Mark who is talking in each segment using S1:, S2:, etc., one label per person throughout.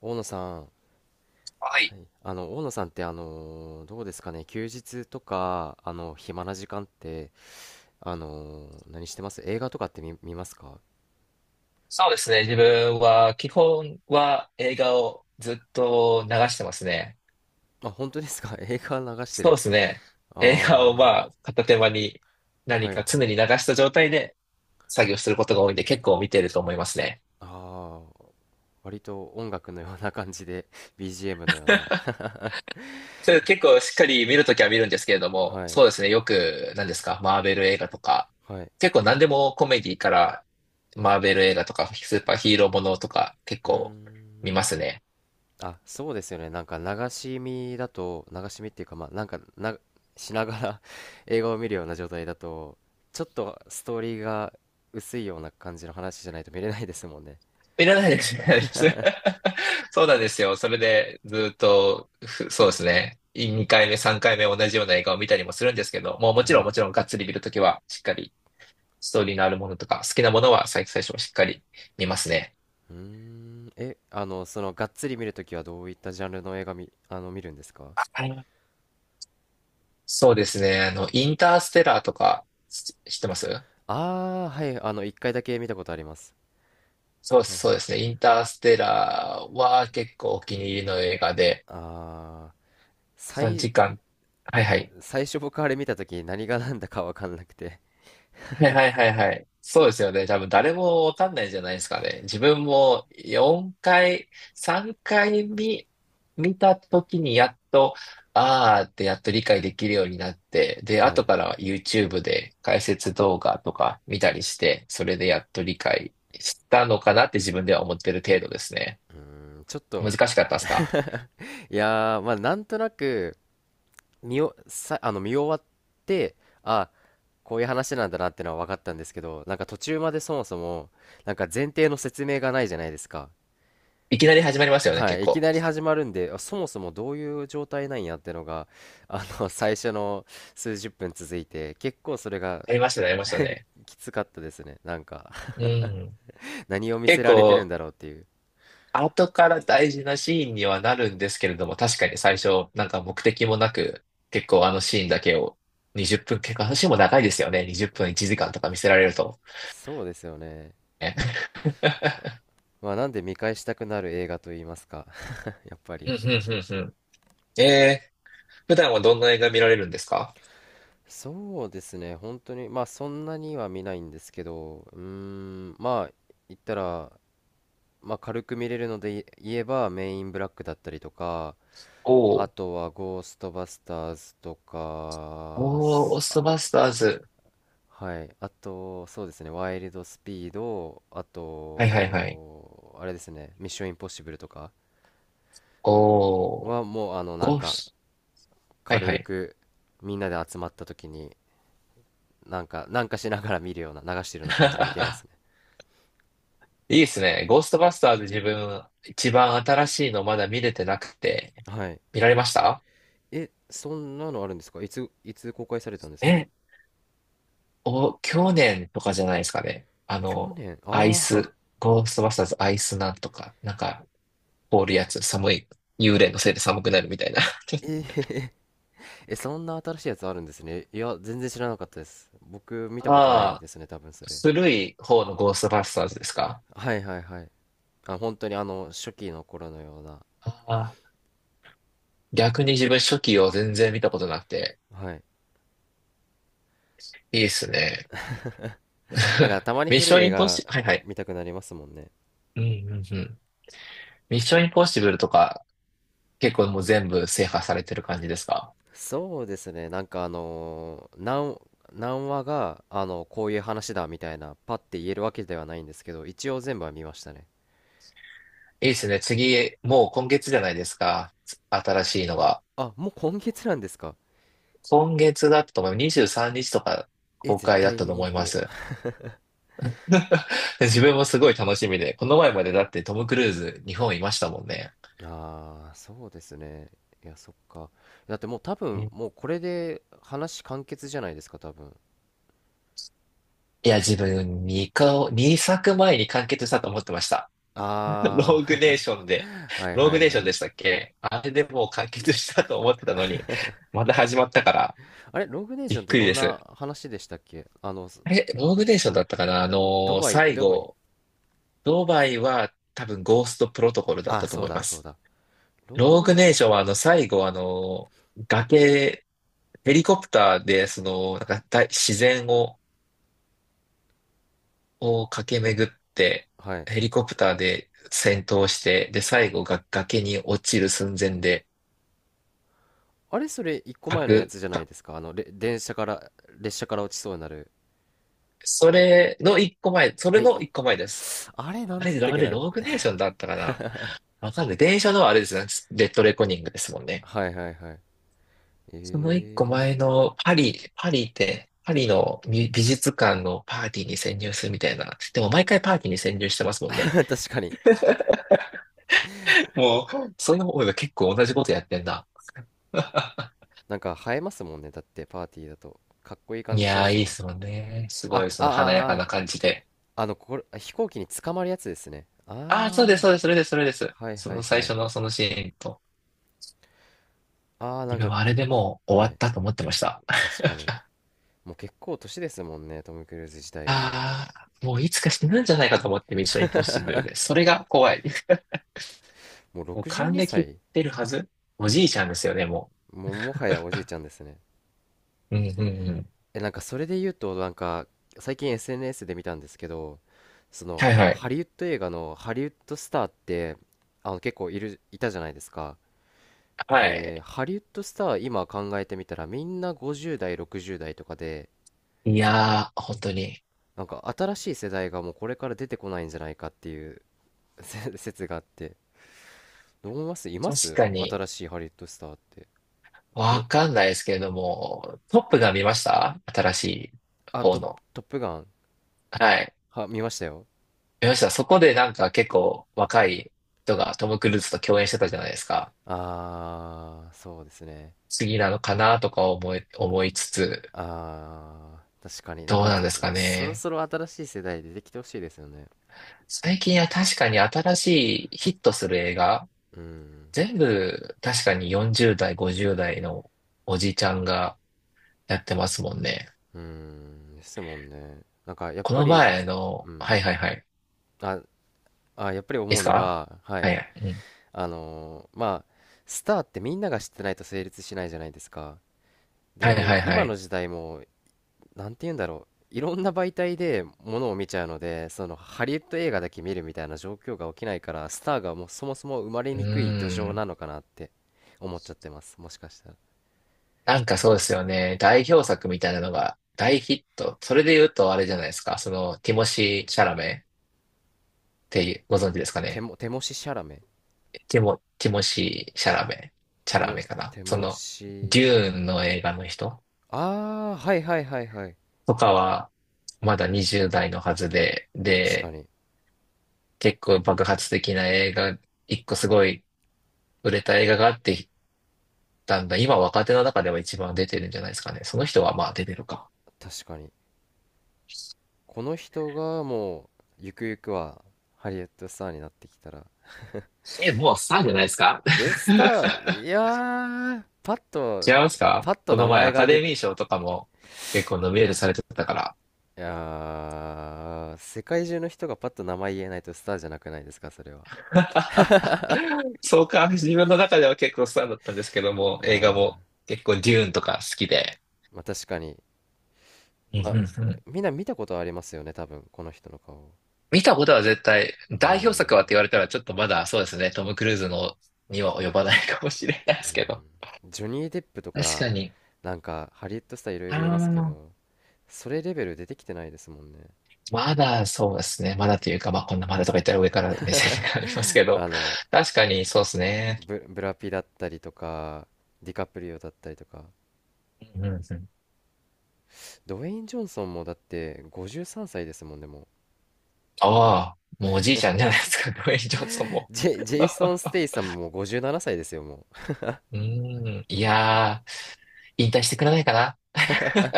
S1: 大野さん、
S2: は
S1: は
S2: い。
S1: い、大野さんって、どうですかね。休日とか、暇な時間って、何してます？映画とかって見ますか？
S2: そうですね。自分は、基本は映画をずっと流してますね。
S1: あ、本当ですか？ 映画流して
S2: そうで
S1: る。
S2: すね。映画をま
S1: ああ、
S2: あ、片手間に
S1: は
S2: 何
S1: いはい。
S2: か常に流した状態で作業することが多いんで、結構見てると思いますね。
S1: ああ、割と音楽のような感じで、BGM のような。
S2: それ結構しっかり見るときは見るんですけれども、
S1: はい、
S2: そうですね。よく、何ですか、マーベル映画とか、
S1: はい。
S2: 結構何でもコメディから、マーベル映画とか、スーパーヒーローものとか、結
S1: うー
S2: 構見
S1: ん。
S2: ますね。
S1: あ、そうですよね。なんか流し見だと、流し見っていうか、まあ、なんかな、しながら 映画を見るような状態だと、ちょっとストーリーが薄いような感じの話じゃないと見れないですもんね。
S2: いらないです、いらないです。そうなんですよ。それで、ずっと、そうですね。2回目、3回目同じような映画を見たりもするんですけど、もうもち
S1: は
S2: ろん
S1: い。
S2: もちろんがっつり見るときは、しっかりストーリーのあるものとか、好きなものは最初はしっかり見ますね。
S1: うーん。え、がっつり見るときはどういったジャンルの映画見、あの、見るんですか？
S2: はい、そうですね。あの、インターステラーとか、知ってます？
S1: ああー、はい。あの、一回だけ見たことあります。
S2: そう
S1: はい
S2: そ
S1: は
S2: う
S1: い。
S2: ですね。インターステラーは結構お気に入りの映画で、
S1: ああ、
S2: 3
S1: 最、
S2: 時間。はいはい。
S1: 最初僕あれ見たとき何が何だかわかんなくて。
S2: はいはいはいはい。そうですよね。多分誰もわかんないじゃないですかね。自分も4回、3回見た時にやっと、あーってやっと理解できるようになって、で、
S1: は
S2: 後
S1: い。
S2: から YouTube で解説動画とか見たりして、それでやっと理解したのかなって自分では思ってる程度ですね。
S1: うん、ちょっ
S2: 難
S1: と、
S2: しかったですか？
S1: いやー、まあ、なんとなく、見お、さ、あの、見終わって、あ、こういう話なんだなってのは分かったんですけど、なんか途中までそもそも、なんか前提の説明がないじゃないですか。
S2: いきなり始まりますよね、
S1: は
S2: 結
S1: い、いき
S2: 構。
S1: なり始まるんで、あそもそもどういう状態なんやってのが、あの、最初の数十分続いて、結構それが
S2: ありましたね、ありましたね。
S1: きつかったですね。なんか
S2: うん。
S1: 何を見せ
S2: 結
S1: られてるん
S2: 構、
S1: だろうっていう。
S2: 後から大事なシーンにはなるんですけれども、確かに最初、なんか目的もなく、結構あのシーンだけを20分、結構あのシーンも長いですよね。20分1時間とか見せられると。
S1: そうですよね。
S2: ね。
S1: まあ、なんで見返したくなる映画と言いますか、やっぱり。
S2: うんうんうんうん。えー、普段はどんな映画見られるんですか？
S1: そうですね、本当に、まあそんなには見ないんですけど、うーん、まあ言ったら、まあ軽く見れるので言えば、メインブラックだったりとか、
S2: お
S1: あ
S2: ー、
S1: とはゴーストバスターズと
S2: お
S1: か、
S2: ー、オー
S1: す
S2: ス
S1: あ
S2: トバスターズ。
S1: はい、あと、そうですね、ワイルドスピード、あ
S2: はいはいはい。
S1: と、あれですね、ミッションインポッシブルとか
S2: おー、
S1: はもう、あの、なん
S2: ゴー
S1: か、
S2: ス、はいは
S1: 軽
S2: い。
S1: くみんなで集まった時に、なんか、なんかしながら見るような、流してるような感じで見てます ね。
S2: いいですね。ゴーストバスターズ自分、一番新しいのまだ見れてなくて、
S1: はい。
S2: 見られました？
S1: え、そんなのあるんですか？いつ公開されたんですか？
S2: えお、去年とかじゃないですかね。あの、
S1: 去
S2: アイ
S1: 年ああ？
S2: ス、ゴーストバスターズアイスなんとか、なんか、凍るやつ、寒い、幽霊のせいで寒くなるみたいな。
S1: えええ、そんな新しいやつあるんですね。いや、全然知らなかったです。僕、見たことない
S2: あ
S1: で
S2: あ、
S1: すね、多分それ。
S2: 古い方のゴーストバスターズですか？
S1: はいはいはい。あ、本当にあの、初期の頃のような。
S2: ああ、逆に自分初期を全然見たことなくて、
S1: はい。
S2: いいですね。
S1: だから たまに
S2: ミッ
S1: 古
S2: シ
S1: い
S2: ョン
S1: 映
S2: インポッ
S1: 画
S2: シブル、はいはい。
S1: 見たくなりますもんね。
S2: うんうんうん。ミッションインポッシブルとか、結構もう全部制覇されてる感じですか？
S1: そうですね。なんかあのー、何話が、あの、こういう話だみたいな、パッて言えるわけではないんですけど、一応全部は見ましたね。
S2: いいですね。次、もう今月じゃないですか。新しいのが。
S1: あ、もう今月なんですか？
S2: 今月だったと思います。23日とか
S1: え、
S2: 公
S1: 絶
S2: 開だっ
S1: 対
S2: た
S1: 見
S2: と
S1: に
S2: 思い
S1: 行
S2: ま
S1: こ
S2: す。
S1: う。
S2: 自分もすごい楽しみで、この前までだってトム・クルーズ日本いましたもんね。
S1: ああ、そうですね。いや、そっか。だってもう多分、
S2: え、
S1: もうこれで話完結じゃないですか、多分。
S2: いや、自分2作前に完結したと思ってました。ロ
S1: あ
S2: ーグネーションで、
S1: あ、はい
S2: ロー
S1: は
S2: グ
S1: い
S2: ネーショ
S1: は
S2: ン
S1: い。
S2: でしたっけ？あれでもう完結したと思ってたのに、また始まったから
S1: あれ、ロングネーシ
S2: び
S1: ョン
S2: っ
S1: って
S2: くり
S1: ど
S2: で
S1: ん
S2: す。
S1: な話でしたっけ？あの、す
S2: え、ローグネーションだったかな、あのー最
S1: ドバイ。
S2: 後、ドバイは多分ゴーストプロトコルだっ
S1: あ、
S2: たと
S1: そう
S2: 思い
S1: だ
S2: ま
S1: そう
S2: す。
S1: だ。ロング
S2: ロー
S1: ネー
S2: グネ
S1: シ
S2: ー
S1: ョン。
S2: ションはあの最後あの崖、ヘリコプターでそのなんか大自然を、を駆け巡って
S1: はい。
S2: ヘリコプターで戦闘して、で最後が崖に落ちる寸前で
S1: あれ、それ一個前のや
S2: 核、
S1: つじゃない
S2: か
S1: ですか。あの、れ、電車から、列車から落ちそうになる。
S2: それの一個前、そ
S1: あ、
S2: れの
S1: い、
S2: 一個前です。
S1: あれ、な
S2: あ
S1: んだ
S2: れ、
S1: ったっ
S2: あ
S1: け
S2: れ
S1: な。
S2: ローグネーションだったかな、わかんない。電車のあれですね。レッドレコニングですもんね。
S1: はいはいはい。
S2: その一個
S1: え
S2: 前のパリの美術館のパーティーに潜入するみたいな。でも毎回パーティーに潜入してますも
S1: え
S2: んね。
S1: ー。確かに。
S2: もう、そういう方が結構同じことやってんだ。
S1: なんか映えますもんね。だってパーティーだと。かっこいい感
S2: い
S1: じし
S2: や
S1: ま
S2: ー、
S1: す
S2: いい
S1: も
S2: っ
S1: ん。
S2: すもんね。す
S1: あ、
S2: ご
S1: あ、
S2: い、そ
S1: あ、
S2: の華や
S1: あ、
S2: か
S1: あ
S2: な感じで。
S1: あの、これ、あ飛行機に捕まるやつですね。
S2: ああ、そうです、
S1: あ
S2: そうです、それです、それです。
S1: あ、はい
S2: そ
S1: は
S2: の
S1: い
S2: 最
S1: は
S2: 初
S1: い。
S2: のそのシーンと。
S1: ああ、な
S2: 自
S1: ん
S2: 分
S1: か、
S2: はあれでもう
S1: は
S2: 終わっ
S1: い。
S2: たと思ってました。
S1: 確かに。もう結構年ですもんね。トム・クルーズ自体がも
S2: ああ、もういつか死ぬんじゃないかと思ってミッションインポッシブルで。それが怖い。
S1: う。もう
S2: もう
S1: 62
S2: 還暦いっ
S1: 歳
S2: てるはず。おじいちゃんですよね、もう。
S1: もうもはやおじいちゃんですね。
S2: うん、うん、うん。
S1: え、なんかそれで言うと、なんか、最近 SNS で見たんですけど、その
S2: はいはい。
S1: ハリウッド映画のハリウッドスターってあの結構いたじゃないですか。
S2: は
S1: で、
S2: い。
S1: ハリウッドスター今考えてみたらみんな50代、60代とかで、
S2: いやー、本当に。
S1: なんか新しい世代がもうこれから出てこないんじゃないかっていう 説があって、どう思いますいま
S2: 確
S1: す
S2: かに、
S1: 新しいハリウッドスターって？お、
S2: わかんないですけれども、トップが見ました、新しい方の。
S1: トップガン
S2: はい。
S1: は、見ましたよ。
S2: 見ました。そこでなんか結構若い人がトム・クルーズと共演してたじゃないですか。
S1: あー、そうですね。
S2: 次なのかなとか思いつつ、
S1: あー、確かになん
S2: どう
S1: かあ
S2: なん
S1: と、
S2: ですか
S1: そろ
S2: ね。
S1: そろ新しい世代出てきてほしいですよね。
S2: 最近は確かに新しいヒットする映画、
S1: うん、
S2: 全部確かに40代、50代のおじちゃんがやってますもんね。
S1: うん、ですもんね。なんかやっ
S2: こ
S1: ぱ
S2: の
S1: り、
S2: 前の、
S1: うん。
S2: はいはいはい。いい
S1: あ、やっぱり
S2: で
S1: 思
S2: す
S1: うの
S2: か？
S1: が、は
S2: は
S1: い。
S2: いはい。うん。
S1: あのーまあ、スターってみんなが知ってないと成立しないじゃないですか。
S2: はいは
S1: で、
S2: いは
S1: 今
S2: い。
S1: の時代も、なんて言うんだろう。いろんな媒体でものを見ちゃうので、そのハリウッド映画だけ見るみたいな状況が起きないから、スターがもうそもそも生まれ
S2: う
S1: にくい土
S2: ー
S1: 壌
S2: ん。
S1: なのかなって思っちゃってます。もしかしたら。
S2: なんかそうですよね。代表作みたいなのが大ヒット。それで言うとあれじゃないですか。その、ティモシー・シャラメっていう、ご存知ですか
S1: テ
S2: ね。
S1: モ、テモシシャラメ。
S2: ティモシー・シャラメ。シ
S1: テ
S2: ャラ
S1: モ、
S2: メかな。
S1: テ
S2: そ
S1: モ
S2: の、
S1: シ、
S2: デューンの映画の人
S1: あー、はいはいはいはい。
S2: とかは、まだ20代のはずで、
S1: 確か
S2: で、
S1: に、
S2: 結構爆発的な映画、一個すごい売れた映画があって、だんだん今若手の中では一番出てるんじゃないですかね。その人はまあ出てるか。
S1: 確かに。この人がもうゆくゆくはハリウッドスターになってきたら、
S2: え、もうスターじゃないですか。
S1: えスター、いやーパッと、
S2: 違いますか？
S1: パッと
S2: この
S1: 名
S2: 前
S1: 前
S2: ア
S1: が
S2: カ
S1: 出
S2: デミー
S1: て、
S2: 賞とかも結構ノミネートされてたか
S1: いやー世界中の人がパッと名前言えないとスターじゃなくないですかそれは。
S2: ら。そうか、自分の中では結構スターだったんですけども、映画も
S1: あ
S2: 結構デューンとか好きで。
S1: ーまあ確かに、
S2: うんう
S1: まあ
S2: んうん。
S1: みんな見たことありますよね多分この人の顔。
S2: 見たことは絶対、
S1: うー
S2: 代表作
S1: ん。
S2: はって言われたらちょっとまだそうですね、トム・クルーズのには及ばないかもしれないで
S1: うー
S2: すけど。
S1: ん。ジョニー・デップと
S2: 確か
S1: か、
S2: に。
S1: なんかハリウッドスターいろい
S2: あ
S1: ろいますけ
S2: ー、
S1: ど、それレベル出てきてないですもんね。
S2: まだそうですね。まだというか、まあこんなまだとか言ったら上から目線がありますけ ど、
S1: あの
S2: 確かにそうですね。
S1: ブラピだったりとか、ディカプリオだったりとか、
S2: うんうんうん、
S1: ドウェイン・ジョンソンもだって53歳ですもんね、もう。
S2: ああ、もうおじいちゃんじゃないですか、ドウェイン・ジョンソンも。
S1: ジェイソン・ステイサムも57歳ですよ、もう。
S2: うーん、いやー、引退してくれないかな。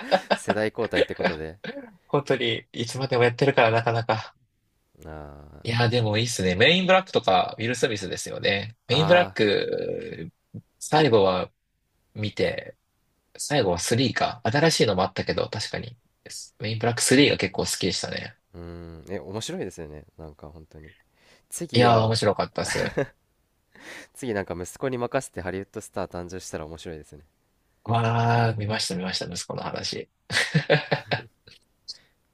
S1: 世代交代ってことで。
S2: 本当に、いつまでもやってるからなかなか。
S1: あ
S2: いやー、でもいいっすね。メインブラックとか、ウィル・スミスですよね。
S1: あ、
S2: メインブ
S1: あ
S2: ラッ
S1: あ、
S2: ク、最後は見て、最後は3か。新しいのもあったけど、確かに。メインブラック3が結構好きでしたね。
S1: うーん、え、面白いですよね、なんか本当に。
S2: い
S1: 次
S2: やー、
S1: は、
S2: 面白かったっす。
S1: 次なんか息子に任せてハリウッドスター誕生したら面白いですね。
S2: わー、見ました、見ました、息子の話。